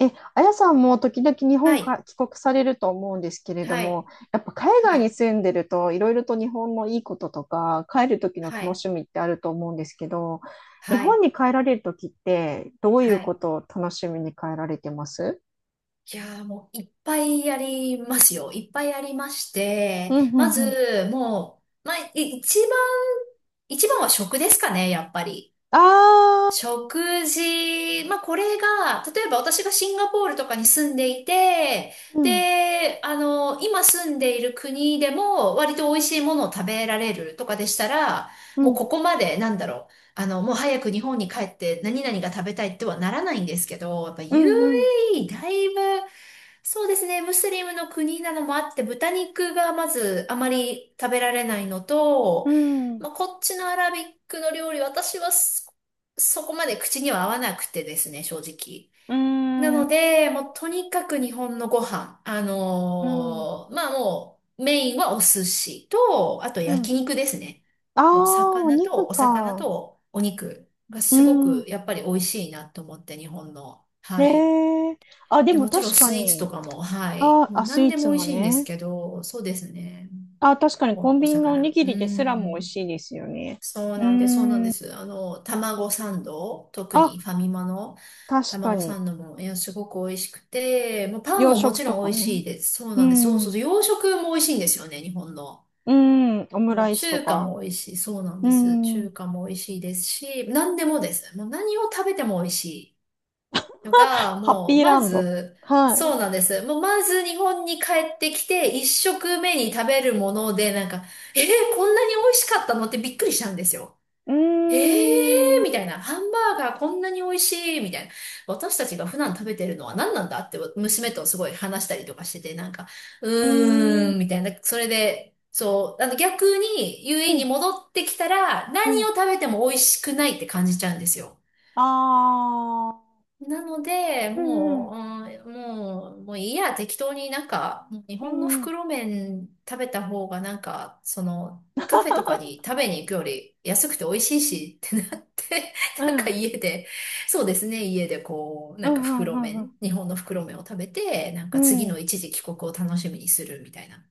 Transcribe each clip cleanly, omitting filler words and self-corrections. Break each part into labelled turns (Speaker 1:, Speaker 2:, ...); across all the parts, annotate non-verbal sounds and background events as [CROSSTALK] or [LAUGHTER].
Speaker 1: え、あやさんも時々日
Speaker 2: は
Speaker 1: 本
Speaker 2: い、
Speaker 1: か帰国されると思うんですけれど
Speaker 2: は
Speaker 1: も、
Speaker 2: い、
Speaker 1: やっぱ海外
Speaker 2: は
Speaker 1: に
Speaker 2: い、
Speaker 1: 住んでるといろいろと日本のいいこととか、帰る時の
Speaker 2: は
Speaker 1: 楽
Speaker 2: い、
Speaker 1: しみってあると思うんですけど、日
Speaker 2: は
Speaker 1: 本
Speaker 2: い、
Speaker 1: に帰られる時ってどうい
Speaker 2: は
Speaker 1: うこ
Speaker 2: い。
Speaker 1: とを楽しみに帰られてます？
Speaker 2: いやーもういっぱいありますよ。いっぱいありまし
Speaker 1: う
Speaker 2: て、
Speaker 1: んう
Speaker 2: ま
Speaker 1: んうん。
Speaker 2: ず、もう、まあ、い一番、一番は食ですかね、やっぱり。
Speaker 1: ああ、
Speaker 2: 食事、まあ、これが、例えば私がシンガポールとかに住んでいて、
Speaker 1: うん、
Speaker 2: で、今住んでいる国でも割と美味しいものを食べられるとかでしたら、
Speaker 1: う
Speaker 2: もう
Speaker 1: ん、
Speaker 2: ここまで、もう早く日本に帰って何々が食べたいってはならないんですけど、やっぱ
Speaker 1: うん、うん、
Speaker 2: UAE だいぶそうですね。ムスリムの国なのもあって、豚肉がまずあまり食べられないのと、
Speaker 1: うん、
Speaker 2: まあ、こっちのアラビックの料理、私はそこまで口には合わなくてですね、正直。
Speaker 1: う
Speaker 2: なの
Speaker 1: ん、
Speaker 2: で、もうとにかく日本のご飯、
Speaker 1: うん、
Speaker 2: まあもうメインはお寿司と、あと
Speaker 1: う
Speaker 2: 焼
Speaker 1: ん。
Speaker 2: 肉ですね。
Speaker 1: ああ
Speaker 2: もう
Speaker 1: ー、お
Speaker 2: 魚と、
Speaker 1: 肉
Speaker 2: お魚
Speaker 1: か。
Speaker 2: とお肉が
Speaker 1: う
Speaker 2: すごく
Speaker 1: ん。
Speaker 2: やっぱり美味しいなと思って、日本の。はい。
Speaker 1: ねえ。あ、
Speaker 2: い
Speaker 1: で
Speaker 2: や、
Speaker 1: も
Speaker 2: もちろん
Speaker 1: 確か
Speaker 2: スイーツと
Speaker 1: に。
Speaker 2: かも、はい。
Speaker 1: あ
Speaker 2: もう
Speaker 1: あ、スイ
Speaker 2: 何
Speaker 1: ー
Speaker 2: で
Speaker 1: ツ
Speaker 2: も美
Speaker 1: も
Speaker 2: 味しいんです
Speaker 1: ね。
Speaker 2: けど、そうですね。
Speaker 1: あ、確かにコン
Speaker 2: お
Speaker 1: ビニのおに
Speaker 2: 魚。
Speaker 1: ぎ
Speaker 2: う
Speaker 1: りですらも美味
Speaker 2: ん。
Speaker 1: しいですよね。うー
Speaker 2: そうなんで
Speaker 1: ん。
Speaker 2: す。あの、卵サンド、特
Speaker 1: あ、
Speaker 2: にファミマの
Speaker 1: 確か
Speaker 2: 卵
Speaker 1: に。
Speaker 2: サンドも、いや、すごく美味しくて、もうパン
Speaker 1: 洋
Speaker 2: もも
Speaker 1: 食
Speaker 2: ち
Speaker 1: と
Speaker 2: ろん
Speaker 1: か
Speaker 2: 美味し
Speaker 1: ね。
Speaker 2: いです。そう
Speaker 1: う
Speaker 2: なんです。そうそう
Speaker 1: ん。
Speaker 2: そう、洋食も美味しいんですよね、日本の。
Speaker 1: うん。オム
Speaker 2: もう
Speaker 1: ライスと
Speaker 2: 中華
Speaker 1: か。
Speaker 2: も美味しい。そうなん
Speaker 1: う
Speaker 2: です。
Speaker 1: ん。
Speaker 2: 中華も美味しいですし、何でもです。もう何を食べても美味しい。のが、
Speaker 1: ハッ
Speaker 2: もう、
Speaker 1: ピーラ
Speaker 2: ま
Speaker 1: ンド。
Speaker 2: ず、
Speaker 1: はい。
Speaker 2: そうなんです。もう、まず日本に帰ってきて、一食目に食べるもので、えー、こんなに美味しかったのってびっくりしたんですよ。
Speaker 1: うー
Speaker 2: えー、
Speaker 1: ん。う
Speaker 2: みたいな。ハンバーガーこんなに美味しい、みたいな。私たちが普段食べてるのは何なんだって、娘とすごい話したりとかしてて、
Speaker 1: ーん。う
Speaker 2: みたいな。それで、そう、あの逆に UAE に
Speaker 1: ん。
Speaker 2: 戻ってきたら、
Speaker 1: う
Speaker 2: 何を
Speaker 1: ん。
Speaker 2: 食べても美味しくないって感じちゃうんですよ。
Speaker 1: ああ。
Speaker 2: なので、
Speaker 1: うんう
Speaker 2: も
Speaker 1: ん。
Speaker 2: う、うん、もう、もういいや、適当になんか、もう日
Speaker 1: う
Speaker 2: 本の
Speaker 1: んうん。
Speaker 2: 袋麺食べた方がなんか、その、カフェとかに食べに行くより安くて美味しいしってなって、
Speaker 1: う
Speaker 2: [LAUGHS] なんか
Speaker 1: ん。
Speaker 2: 家で、そうですね、家でこう、
Speaker 1: う
Speaker 2: なんか
Speaker 1: んうんう
Speaker 2: 袋
Speaker 1: んう
Speaker 2: 麺、
Speaker 1: ん。
Speaker 2: 日本の袋麺を食べて、なん
Speaker 1: う
Speaker 2: か次の
Speaker 1: ん
Speaker 2: 一時帰国を楽しみにするみたいな。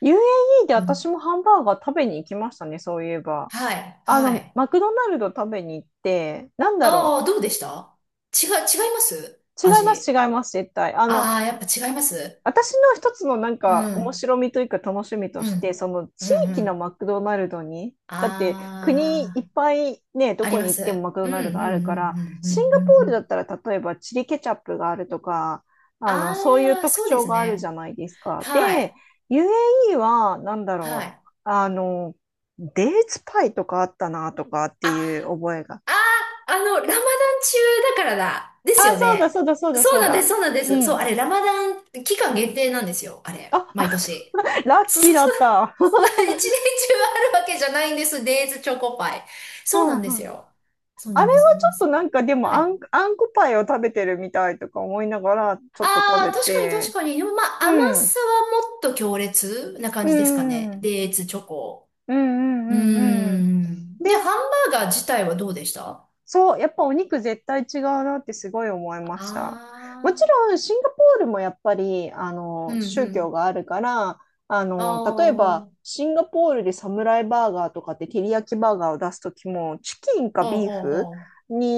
Speaker 1: UAE で
Speaker 2: うん。
Speaker 1: 私もハンバーガー食べに行きましたね、そういえば。
Speaker 2: はい、
Speaker 1: あ
Speaker 2: は
Speaker 1: の、
Speaker 2: い。
Speaker 1: マクドナルド食べに行って、なんだ
Speaker 2: あ
Speaker 1: ろ
Speaker 2: あ、どうでした違います
Speaker 1: う。違います、違い
Speaker 2: 味。
Speaker 1: ます、絶対。あの、
Speaker 2: ああ、やっぱ違います。
Speaker 1: 私の一つのなん
Speaker 2: う
Speaker 1: か面
Speaker 2: ん。
Speaker 1: 白みというか楽しみと
Speaker 2: う
Speaker 1: して、
Speaker 2: ん。
Speaker 1: その
Speaker 2: うん
Speaker 1: 地
Speaker 2: う
Speaker 1: 域の
Speaker 2: ん。
Speaker 1: マクドナルドに、だって国い
Speaker 2: あ
Speaker 1: っぱいね、ど
Speaker 2: あ、あり
Speaker 1: こに
Speaker 2: ま
Speaker 1: 行っ
Speaker 2: す。
Speaker 1: てもマクド
Speaker 2: うん
Speaker 1: ナル
Speaker 2: うん
Speaker 1: ド
Speaker 2: う
Speaker 1: あるから、
Speaker 2: んうんう
Speaker 1: シ
Speaker 2: ん
Speaker 1: ン
Speaker 2: う
Speaker 1: ガ
Speaker 2: んう
Speaker 1: ポールだ
Speaker 2: ん。
Speaker 1: ったら例えばチリケチャップがあるとか、あの、そういう
Speaker 2: ああ、
Speaker 1: 特
Speaker 2: そうで
Speaker 1: 徴
Speaker 2: す
Speaker 1: があるじ
Speaker 2: ね。
Speaker 1: ゃないですか。
Speaker 2: は
Speaker 1: で、
Speaker 2: い。
Speaker 1: UAE はなんだ
Speaker 2: は
Speaker 1: ろ
Speaker 2: い。
Speaker 1: う。あの、デーツパイとかあったなとかって
Speaker 2: あ、
Speaker 1: いう覚えが。
Speaker 2: ラマダン中だからだ。です
Speaker 1: あ、
Speaker 2: よ
Speaker 1: そうだ、そ
Speaker 2: ね。
Speaker 1: うだ、そうだ、
Speaker 2: そ
Speaker 1: そ
Speaker 2: う
Speaker 1: う
Speaker 2: なんで
Speaker 1: だ。
Speaker 2: す、そうなんで
Speaker 1: う
Speaker 2: す。そう、あ
Speaker 1: ん。
Speaker 2: れ、ラマダン期間限定なんですよ。あれ、
Speaker 1: あ、あ、
Speaker 2: 毎
Speaker 1: そ
Speaker 2: 年。
Speaker 1: う [LAUGHS] ラ
Speaker 2: [LAUGHS]
Speaker 1: ッ
Speaker 2: そう
Speaker 1: キ
Speaker 2: そ
Speaker 1: ー
Speaker 2: う
Speaker 1: だ
Speaker 2: そう。
Speaker 1: った。
Speaker 2: まあ一年中あるわけじゃないんです。デイズチョコパイ。
Speaker 1: う
Speaker 2: そうな
Speaker 1: ん
Speaker 2: んです
Speaker 1: うん。
Speaker 2: よ。そう
Speaker 1: あ
Speaker 2: な
Speaker 1: れ
Speaker 2: んです、そ
Speaker 1: は
Speaker 2: うな
Speaker 1: ち
Speaker 2: ん
Speaker 1: ょ
Speaker 2: で
Speaker 1: っ
Speaker 2: す
Speaker 1: と
Speaker 2: よ。
Speaker 1: なんかでも
Speaker 2: は
Speaker 1: あ
Speaker 2: い。
Speaker 1: ん、あんこパイを食べてるみたいとか思いながらちょっと食
Speaker 2: あ
Speaker 1: べ
Speaker 2: あ、確かに確
Speaker 1: て、
Speaker 2: かに。でもまあ、甘
Speaker 1: うん、
Speaker 2: さはもっと強烈な感
Speaker 1: う
Speaker 2: じですか
Speaker 1: ん、う
Speaker 2: ね。
Speaker 1: ん、
Speaker 2: デーツチョコ。
Speaker 1: う
Speaker 2: うー
Speaker 1: ん、うん、うん。
Speaker 2: ん。
Speaker 1: で、
Speaker 2: で、ハンバーガー自体はどうでしたあ
Speaker 1: そう、やっぱお肉絶対違うなってすごい思いました。もち
Speaker 2: あ
Speaker 1: ろんシンガポールもやっぱりあ
Speaker 2: ー、う
Speaker 1: の
Speaker 2: んう
Speaker 1: 宗教
Speaker 2: ん。
Speaker 1: があるから、あ
Speaker 2: あ
Speaker 1: の
Speaker 2: あ、
Speaker 1: 例えば
Speaker 2: ほ
Speaker 1: シンガポールでサムライバーガーとかって照り焼きバーガーを出すときもチキン
Speaker 2: う
Speaker 1: か
Speaker 2: ほう
Speaker 1: ビーフ
Speaker 2: ほ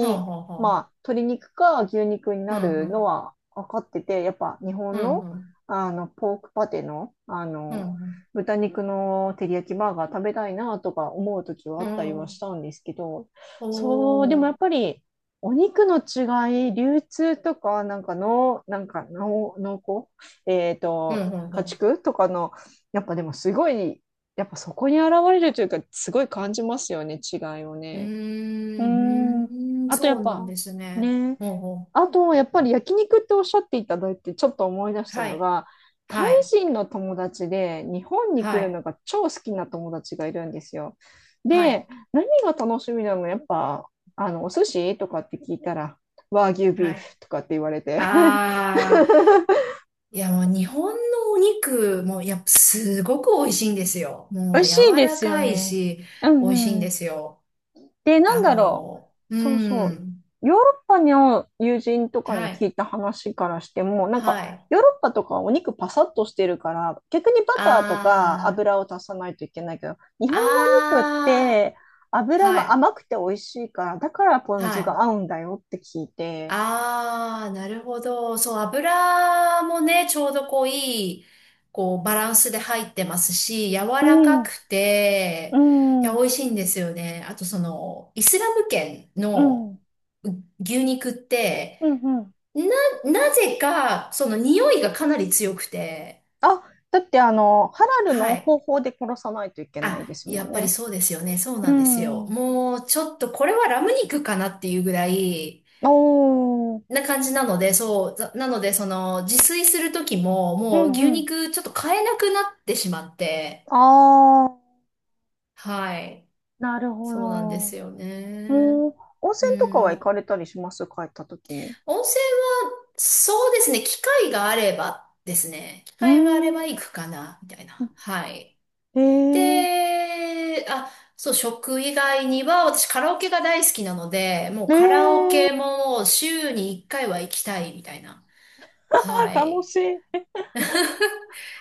Speaker 2: う。ほうほうほ
Speaker 1: まあ、鶏肉か牛肉に
Speaker 2: う。う
Speaker 1: な
Speaker 2: んう
Speaker 1: るの
Speaker 2: ん。
Speaker 1: は分かっててやっぱ日
Speaker 2: うん
Speaker 1: 本の、
Speaker 2: うん。
Speaker 1: あのポークパテの、あ
Speaker 2: うん
Speaker 1: の
Speaker 2: うん。
Speaker 1: 豚肉の照り焼きバーガー食べたいなとか思うときは
Speaker 2: う
Speaker 1: あったりはし
Speaker 2: ん
Speaker 1: たんですけど、
Speaker 2: お
Speaker 1: そう、でもやっ
Speaker 2: ー。
Speaker 1: ぱり、お肉の違い、流通とか、なんかの、なんかの、濃厚、
Speaker 2: うんうんう
Speaker 1: 家
Speaker 2: ん。
Speaker 1: 畜とかの、やっぱでもすごい、やっぱそこに現れるというか、すごい感じますよね、違いを
Speaker 2: うー
Speaker 1: ね。うーん。
Speaker 2: ん、うーん、
Speaker 1: あとや
Speaker 2: そ
Speaker 1: っ
Speaker 2: うなん
Speaker 1: ぱ、
Speaker 2: ですね。
Speaker 1: ね、
Speaker 2: ほうほ
Speaker 1: あ
Speaker 2: う。
Speaker 1: と、やっぱり焼肉っておっしゃっていただいて、ちょっと思い出した
Speaker 2: は
Speaker 1: の
Speaker 2: い。
Speaker 1: が、タイ
Speaker 2: はい。
Speaker 1: 人の友達で日本に来
Speaker 2: は
Speaker 1: る
Speaker 2: い。
Speaker 1: のが超好きな友達がいるんですよ。
Speaker 2: はい。
Speaker 1: で、何が楽しみなの？やっぱ、あの、お寿司とかって聞いたら、和牛ビ
Speaker 2: は
Speaker 1: ー
Speaker 2: い。
Speaker 1: フとかって言われて、[LAUGHS]
Speaker 2: ああ。いや、もう日本のお肉もやっぱすごく美味しいんですよ。
Speaker 1: 美
Speaker 2: も
Speaker 1: 味
Speaker 2: う柔
Speaker 1: しいで
Speaker 2: ら
Speaker 1: すよ
Speaker 2: かい
Speaker 1: ね。
Speaker 2: し、
Speaker 1: う
Speaker 2: 美味しいんで
Speaker 1: ん。
Speaker 2: すよ。
Speaker 1: で、な
Speaker 2: あ
Speaker 1: んだろう。
Speaker 2: の、う
Speaker 1: そうそう。
Speaker 2: ん。
Speaker 1: ヨーロッパの友人とかに
Speaker 2: は
Speaker 1: 聞
Speaker 2: い。
Speaker 1: いた話からしても、なんか、
Speaker 2: はい。
Speaker 1: ヨーロッパとかはお肉パサッとしてるから、逆にバターとか
Speaker 2: ああ、
Speaker 1: 油を足さないといけないけど、日本のお肉っ
Speaker 2: あ
Speaker 1: て
Speaker 2: あ、
Speaker 1: 油
Speaker 2: は
Speaker 1: が
Speaker 2: い。
Speaker 1: 甘くて美味しいから、だからポン
Speaker 2: は
Speaker 1: 酢
Speaker 2: い。
Speaker 1: が合うんだよって聞いて。
Speaker 2: ああ、なるほど。そう、油もね、ちょうどこういい、こうバランスで入ってますし、柔
Speaker 1: う
Speaker 2: らか
Speaker 1: ん、
Speaker 2: く
Speaker 1: う
Speaker 2: て、い
Speaker 1: ん、
Speaker 2: や、
Speaker 1: う
Speaker 2: 美
Speaker 1: ん、
Speaker 2: 味しいんですよね。あとその、イスラム圏
Speaker 1: う
Speaker 2: の、
Speaker 1: ん、
Speaker 2: 牛肉って、
Speaker 1: うん。
Speaker 2: な、なぜか、その匂いがかなり強くて、
Speaker 1: あ、だってあの、ハラルの
Speaker 2: はい。
Speaker 1: 方法で殺さないといけないで
Speaker 2: あ、
Speaker 1: す
Speaker 2: や
Speaker 1: も
Speaker 2: っ
Speaker 1: ん
Speaker 2: ぱり
Speaker 1: ね。
Speaker 2: そうですよね。そう
Speaker 1: う
Speaker 2: なんですよ。
Speaker 1: ん。
Speaker 2: もう、ちょっとこれはラム肉かなっていうぐらい、
Speaker 1: おー、
Speaker 2: な感じなので、その、自炊する時も、
Speaker 1: う
Speaker 2: もう
Speaker 1: ん
Speaker 2: 牛
Speaker 1: うん。
Speaker 2: 肉ちょっと買えなくなってしまって、
Speaker 1: ああ、
Speaker 2: はい。
Speaker 1: なるほ
Speaker 2: そうなんで
Speaker 1: ど。
Speaker 2: すよね。
Speaker 1: うん。温
Speaker 2: う
Speaker 1: 泉とか
Speaker 2: ん、
Speaker 1: は行か
Speaker 2: もう
Speaker 1: れたりします？帰った時に。
Speaker 2: 温泉は、そうですね、機会があればですね、機
Speaker 1: うー
Speaker 2: 会があれば
Speaker 1: ん。
Speaker 2: 行くかな、みたいな。はい。
Speaker 1: ええ。
Speaker 2: で、あ、そう、食以外には、私カラオケが大好きなので、もう
Speaker 1: え
Speaker 2: カラオ
Speaker 1: え。
Speaker 2: ケも週に1回は行きたい、みたいな。
Speaker 1: あ、
Speaker 2: は
Speaker 1: 楽
Speaker 2: い。
Speaker 1: しい。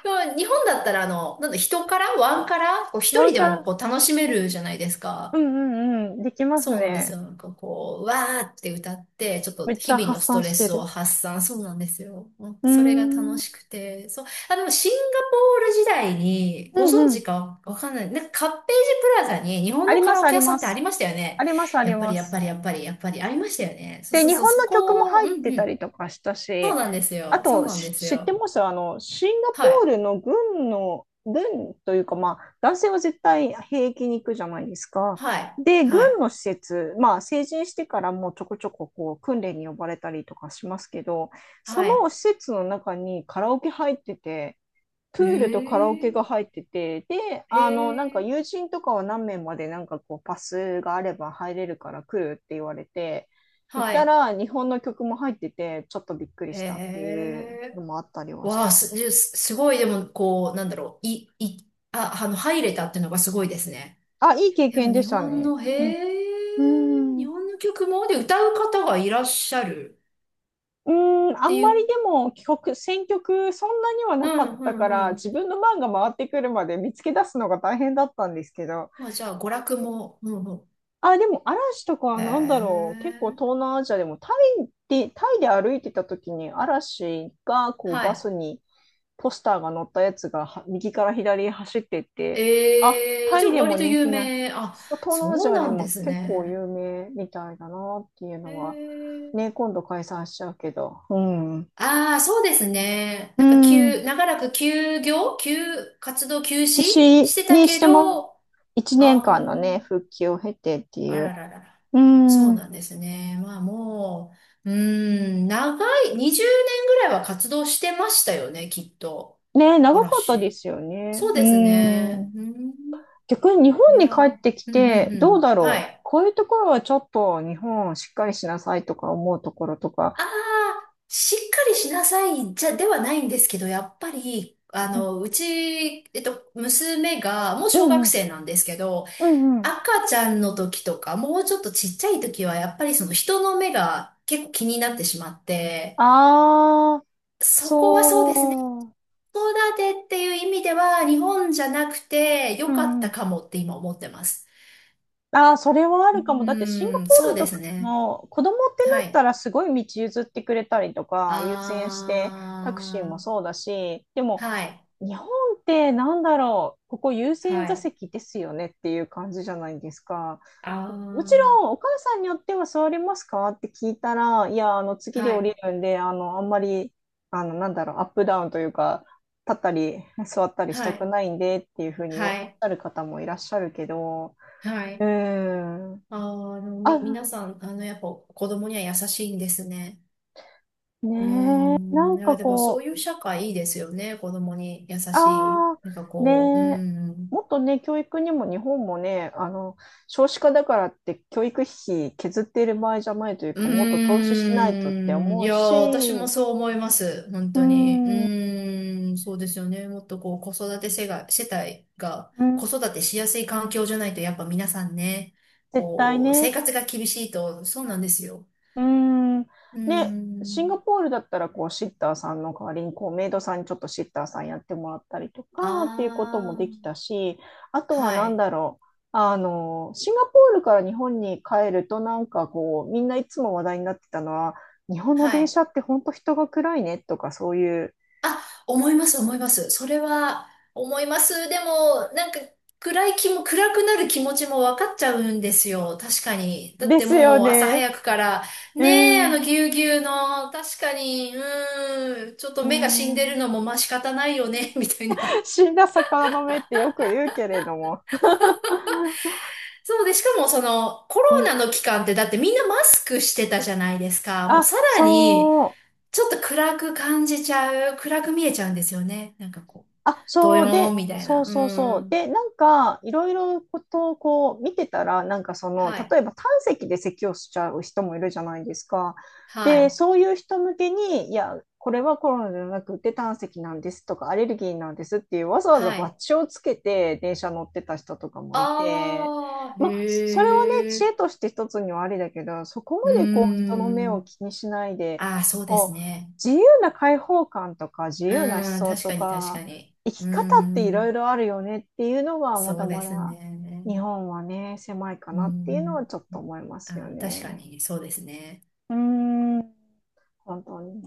Speaker 2: でも日本だったら、あの、なんだ、人から、ワンから、こう一
Speaker 1: ワ
Speaker 2: 人
Speaker 1: ン
Speaker 2: で
Speaker 1: カ
Speaker 2: も
Speaker 1: ラ。
Speaker 2: こう楽しめるじゃないです
Speaker 1: う
Speaker 2: か。
Speaker 1: んうん。できます
Speaker 2: そうなんです
Speaker 1: ね。
Speaker 2: よ。なんかこう、わーって歌って、ちょっ
Speaker 1: め
Speaker 2: と
Speaker 1: っち
Speaker 2: 日
Speaker 1: ゃ
Speaker 2: 々の
Speaker 1: 発
Speaker 2: スト
Speaker 1: 散
Speaker 2: レ
Speaker 1: して
Speaker 2: スを
Speaker 1: る。
Speaker 2: 発散。そうなんですよ。もう
Speaker 1: うー
Speaker 2: それが
Speaker 1: ん。う
Speaker 2: 楽
Speaker 1: ん
Speaker 2: しくて。そう。あ、でもシンガポール時代に、
Speaker 1: う
Speaker 2: ご存知
Speaker 1: ん。
Speaker 2: かわかんない。なんかカッページプラザに日本
Speaker 1: あ
Speaker 2: の
Speaker 1: り
Speaker 2: カ
Speaker 1: ま
Speaker 2: ラ
Speaker 1: す、
Speaker 2: オ
Speaker 1: あ
Speaker 2: ケ
Speaker 1: り
Speaker 2: 屋さん
Speaker 1: ま
Speaker 2: ってあり
Speaker 1: す。
Speaker 2: ましたよ
Speaker 1: あ
Speaker 2: ね。
Speaker 1: ります、あ
Speaker 2: や
Speaker 1: り
Speaker 2: っぱり
Speaker 1: ま
Speaker 2: やっぱ
Speaker 1: す。
Speaker 2: りやっぱりやっぱりありましたよね。そう
Speaker 1: で、
Speaker 2: そう
Speaker 1: 日
Speaker 2: そう、
Speaker 1: 本
Speaker 2: そ
Speaker 1: の曲も
Speaker 2: こを、う
Speaker 1: 入っ
Speaker 2: ん
Speaker 1: て
Speaker 2: う
Speaker 1: たり
Speaker 2: ん。
Speaker 1: とかした
Speaker 2: そう
Speaker 1: し、
Speaker 2: なんです
Speaker 1: あ
Speaker 2: よ。そう
Speaker 1: と、
Speaker 2: なんで
Speaker 1: し
Speaker 2: す
Speaker 1: 知って
Speaker 2: よ。
Speaker 1: ます？あの、シンガポ
Speaker 2: は
Speaker 1: ー
Speaker 2: い。
Speaker 1: ルの軍の、軍というか、まあ、男性は絶対兵役に行くじゃないですか。
Speaker 2: はい。
Speaker 1: で、軍
Speaker 2: はい。
Speaker 1: の施設、まあ、成人してからもうちょこちょここう訓練に呼ばれたりとかしますけど、そ
Speaker 2: は
Speaker 1: の
Speaker 2: い。
Speaker 1: 施設の中にカラオケ入ってて、
Speaker 2: へ
Speaker 1: プールとカラオケが
Speaker 2: え。
Speaker 1: 入ってて、で、
Speaker 2: へ
Speaker 1: あの、なんか
Speaker 2: え。
Speaker 1: 友人とかは何名までなんかこうパスがあれば入れるから来るって言われて、行っ
Speaker 2: は
Speaker 1: た
Speaker 2: い。
Speaker 1: ら日本の曲も入ってて、ちょっとびっくり
Speaker 2: へ
Speaker 1: したっていうの
Speaker 2: え。
Speaker 1: もあったりはし
Speaker 2: わ
Speaker 1: た
Speaker 2: あ、
Speaker 1: な。
Speaker 2: す、すすごい、でも、こう、なんだろう、い、い、あ、あの、入れたっていうのがすごいですね。
Speaker 1: あ、いい経
Speaker 2: でも、
Speaker 1: 験でしたね。うん。う
Speaker 2: 日
Speaker 1: ん。
Speaker 2: 本の曲も、で、歌う方がいらっしゃる
Speaker 1: うん、
Speaker 2: っ
Speaker 1: あ
Speaker 2: て
Speaker 1: ん
Speaker 2: い
Speaker 1: まり
Speaker 2: う、
Speaker 1: でも帰国、選曲そんなには
Speaker 2: う
Speaker 1: なかっ
Speaker 2: ん、う
Speaker 1: たか
Speaker 2: ん、
Speaker 1: ら、
Speaker 2: うん。
Speaker 1: 自分の番が回ってくるまで見つけ出すのが大変だったんですけど、
Speaker 2: まあ、じゃあ、娯楽も、うん、うん。
Speaker 1: あ、でも嵐とか
Speaker 2: へ
Speaker 1: はなんだろう。結構東
Speaker 2: え、
Speaker 1: 南アジアでもタイで、タイで歩いてた時に嵐がこう
Speaker 2: は
Speaker 1: バス
Speaker 2: い。
Speaker 1: にポスターが載ったやつがは右から左へ走ってって、あ、
Speaker 2: ええ、
Speaker 1: タ
Speaker 2: じゃ
Speaker 1: イ
Speaker 2: あ、
Speaker 1: でも
Speaker 2: 割と
Speaker 1: 人
Speaker 2: 有
Speaker 1: 気な、
Speaker 2: 名、あ、
Speaker 1: そう東南アジ
Speaker 2: そう
Speaker 1: アで
Speaker 2: なんで
Speaker 1: も
Speaker 2: す
Speaker 1: 結構
Speaker 2: ね。
Speaker 1: 有名みたいだなっていう
Speaker 2: へ
Speaker 1: のは、
Speaker 2: え。
Speaker 1: ね、今度解散しちゃうけど。うん。
Speaker 2: ああ、そうですね。
Speaker 1: うん。
Speaker 2: 長らく休業、休、活動休止
Speaker 1: 私
Speaker 2: してた
Speaker 1: にし
Speaker 2: け
Speaker 1: ても
Speaker 2: ど、
Speaker 1: 1年
Speaker 2: あ
Speaker 1: 間のね、復帰を経てって
Speaker 2: あ、
Speaker 1: い
Speaker 2: あら
Speaker 1: う。
Speaker 2: ららら。
Speaker 1: う
Speaker 2: そう
Speaker 1: ん。
Speaker 2: なんですね。まあもう、うーん、長い、20年ぐらいは活動してましたよね、きっと。
Speaker 1: ね、長かったで
Speaker 2: 嵐。
Speaker 1: すよね。
Speaker 2: そう
Speaker 1: う
Speaker 2: ですね。
Speaker 1: ん。
Speaker 2: うん、
Speaker 1: 逆に日
Speaker 2: い
Speaker 1: 本
Speaker 2: や
Speaker 1: に帰
Speaker 2: ー、
Speaker 1: ってき
Speaker 2: うん、う
Speaker 1: て、
Speaker 2: ん、う
Speaker 1: どう
Speaker 2: ん。
Speaker 1: だ
Speaker 2: は
Speaker 1: ろう。
Speaker 2: い。
Speaker 1: こういうところはちょっと日本をしっかりしなさいとか思うところとか。
Speaker 2: ああ、しっかりしなさい、じゃ、ではないんですけど、やっぱり、
Speaker 1: う
Speaker 2: あ
Speaker 1: ん
Speaker 2: の、うち、えっと、娘が、もう
Speaker 1: う
Speaker 2: 小学
Speaker 1: ん。
Speaker 2: 生なんですけど、
Speaker 1: うん。
Speaker 2: 赤ちゃんの時とか、もうちょっとちっちゃい時は、やっぱりその人の目が結構気になってしまって、
Speaker 1: ああ、
Speaker 2: そこはそうですね。
Speaker 1: そう。
Speaker 2: 子育てっていう意味では、日本じゃなくて良
Speaker 1: う
Speaker 2: かっ
Speaker 1: んう
Speaker 2: た
Speaker 1: ん。
Speaker 2: かもって今思ってます。
Speaker 1: ああ、それはあ
Speaker 2: う
Speaker 1: るかも。だってシンガ
Speaker 2: ーん、
Speaker 1: ポー
Speaker 2: そう
Speaker 1: ル
Speaker 2: で
Speaker 1: と
Speaker 2: す
Speaker 1: か
Speaker 2: ね。
Speaker 1: の子供って
Speaker 2: は
Speaker 1: なった
Speaker 2: い。
Speaker 1: らすごい道譲ってくれたりとか、優先してタクシー
Speaker 2: あ
Speaker 1: も
Speaker 2: ー、
Speaker 1: そうだし、でも
Speaker 2: はい、
Speaker 1: 日本ってなんだろう、ここ優
Speaker 2: は
Speaker 1: 先座
Speaker 2: い、
Speaker 1: 席ですよねっていう感じじゃないですか。
Speaker 2: あ
Speaker 1: もち
Speaker 2: ー、
Speaker 1: ろんお母さんによっては座れますかって聞いたら、いや、あの次で
Speaker 2: は
Speaker 1: 降
Speaker 2: い、
Speaker 1: りるんで、あの、あんまり、あの、なんだろう、アップダウンというか、立ったり座ったりし
Speaker 2: は
Speaker 1: たく
Speaker 2: い、
Speaker 1: ないんでっていうふうにおっ
Speaker 2: は
Speaker 1: し
Speaker 2: い、
Speaker 1: ゃる方もいらっしゃるけど、
Speaker 2: は
Speaker 1: う
Speaker 2: い。
Speaker 1: ん。
Speaker 2: あー、あのみ、
Speaker 1: あ、
Speaker 2: 皆さん、あの、やっぱ子供には優しいんですね。
Speaker 1: ね
Speaker 2: うー
Speaker 1: え、な
Speaker 2: ん、い
Speaker 1: ん
Speaker 2: や、
Speaker 1: か
Speaker 2: でもそう
Speaker 1: こ
Speaker 2: いう社会いいですよね。子供に優
Speaker 1: う、
Speaker 2: しい。
Speaker 1: ああ、
Speaker 2: なんか
Speaker 1: ね
Speaker 2: こう、う
Speaker 1: え、
Speaker 2: ん。
Speaker 1: もっとね、教育にも日本もね、あの、少子化だからって教育費削っている場合じゃないというか、もっと投
Speaker 2: う
Speaker 1: 資しないとって
Speaker 2: ーん、
Speaker 1: 思
Speaker 2: い
Speaker 1: う
Speaker 2: や、
Speaker 1: し、
Speaker 2: 私もそう思います。本
Speaker 1: う
Speaker 2: 当に。う
Speaker 1: ん、う
Speaker 2: ーん、そうですよね。もっとこう、子育て世が、世帯が、
Speaker 1: ん、
Speaker 2: 子育てしやすい環境じゃないと、やっぱ皆さんね、
Speaker 1: 絶対
Speaker 2: こう、生
Speaker 1: ね、
Speaker 2: 活が厳しいと、そうなんですよ。
Speaker 1: うーん。
Speaker 2: うー
Speaker 1: で、シン
Speaker 2: ん。
Speaker 1: ガポールだったら、こう、シッターさんの代わりに、こう、メイドさんにちょっとシッターさんやってもらったりとかっていうこと
Speaker 2: あ
Speaker 1: もできた
Speaker 2: あ、
Speaker 1: し、あとは
Speaker 2: は
Speaker 1: 何
Speaker 2: い、
Speaker 1: だろう。あの、シンガポールから日本に帰ると、なんかこう、みんないつも話題になってたのは、日本の
Speaker 2: は
Speaker 1: 電
Speaker 2: い。
Speaker 1: 車って本当人が暗いねとか、そういう。
Speaker 2: あ、思います、思います。それは思います。でも、暗くなる気持ちも分かっちゃうんですよ。確かに。だっ
Speaker 1: で
Speaker 2: て
Speaker 1: すよ
Speaker 2: もう朝
Speaker 1: ね。
Speaker 2: 早くから、
Speaker 1: う
Speaker 2: ねえ、あの
Speaker 1: ん。
Speaker 2: ぎゅうぎゅうの、確かに、うーん、ちょっと目が死んでるの
Speaker 1: ね
Speaker 2: もまあ仕方ないよね、[LAUGHS] みたいな。
Speaker 1: え。死んだ魚の目ってよく言うけれども。
Speaker 2: そうで、しかもそのコ
Speaker 1: う
Speaker 2: ロ
Speaker 1: ん。
Speaker 2: ナの期間ってだってみんなマスクしてたじゃないですか。もうさ
Speaker 1: あ、
Speaker 2: らに、
Speaker 1: そう。
Speaker 2: ちょっと暗く感じちゃう、暗く見えちゃうんですよね。なんかこう、
Speaker 1: あ、
Speaker 2: ド
Speaker 1: そ
Speaker 2: ヨ
Speaker 1: う
Speaker 2: ーン
Speaker 1: で、
Speaker 2: みたい
Speaker 1: そ
Speaker 2: な。
Speaker 1: う
Speaker 2: う
Speaker 1: そうそ
Speaker 2: ー
Speaker 1: う。
Speaker 2: ん。
Speaker 1: で、なんか、いろいろことをこう見てたら、なんかその、
Speaker 2: はい。
Speaker 1: 例えば胆石で咳をしちゃう人もいるじゃないですか。
Speaker 2: は
Speaker 1: で、
Speaker 2: い。
Speaker 1: そういう人向けに、いや、これはコロナじゃなくて胆石なんですとか、アレルギーなんですっていう、わざわざ
Speaker 2: は
Speaker 1: バッ
Speaker 2: い。
Speaker 1: ジをつけて電車乗ってた人とかもいて、
Speaker 2: ああ、
Speaker 1: まあ、それはね、
Speaker 2: へ
Speaker 1: 知
Speaker 2: え。
Speaker 1: 恵として一つにはありだけど、そこ
Speaker 2: う
Speaker 1: ま
Speaker 2: ー
Speaker 1: でこう、人の目を
Speaker 2: ん。
Speaker 1: 気にしないで、
Speaker 2: ああ、そうです
Speaker 1: こう
Speaker 2: ね。
Speaker 1: 自由な開放感とか自
Speaker 2: う
Speaker 1: 由な思
Speaker 2: ーん、
Speaker 1: 想
Speaker 2: 確
Speaker 1: と
Speaker 2: かに確か
Speaker 1: か
Speaker 2: に。
Speaker 1: 生
Speaker 2: う
Speaker 1: き
Speaker 2: ー
Speaker 1: 方っていろい
Speaker 2: ん、
Speaker 1: ろあるよねっていうのは、ま
Speaker 2: そ
Speaker 1: だ
Speaker 2: うで
Speaker 1: ま
Speaker 2: す
Speaker 1: だ日
Speaker 2: ね。
Speaker 1: 本はね、狭いか
Speaker 2: うー
Speaker 1: なっていうのは
Speaker 2: ん。
Speaker 1: ちょっと思いますよ
Speaker 2: あー、確か
Speaker 1: ね。
Speaker 2: に、そうですね。
Speaker 1: うーん。本当に。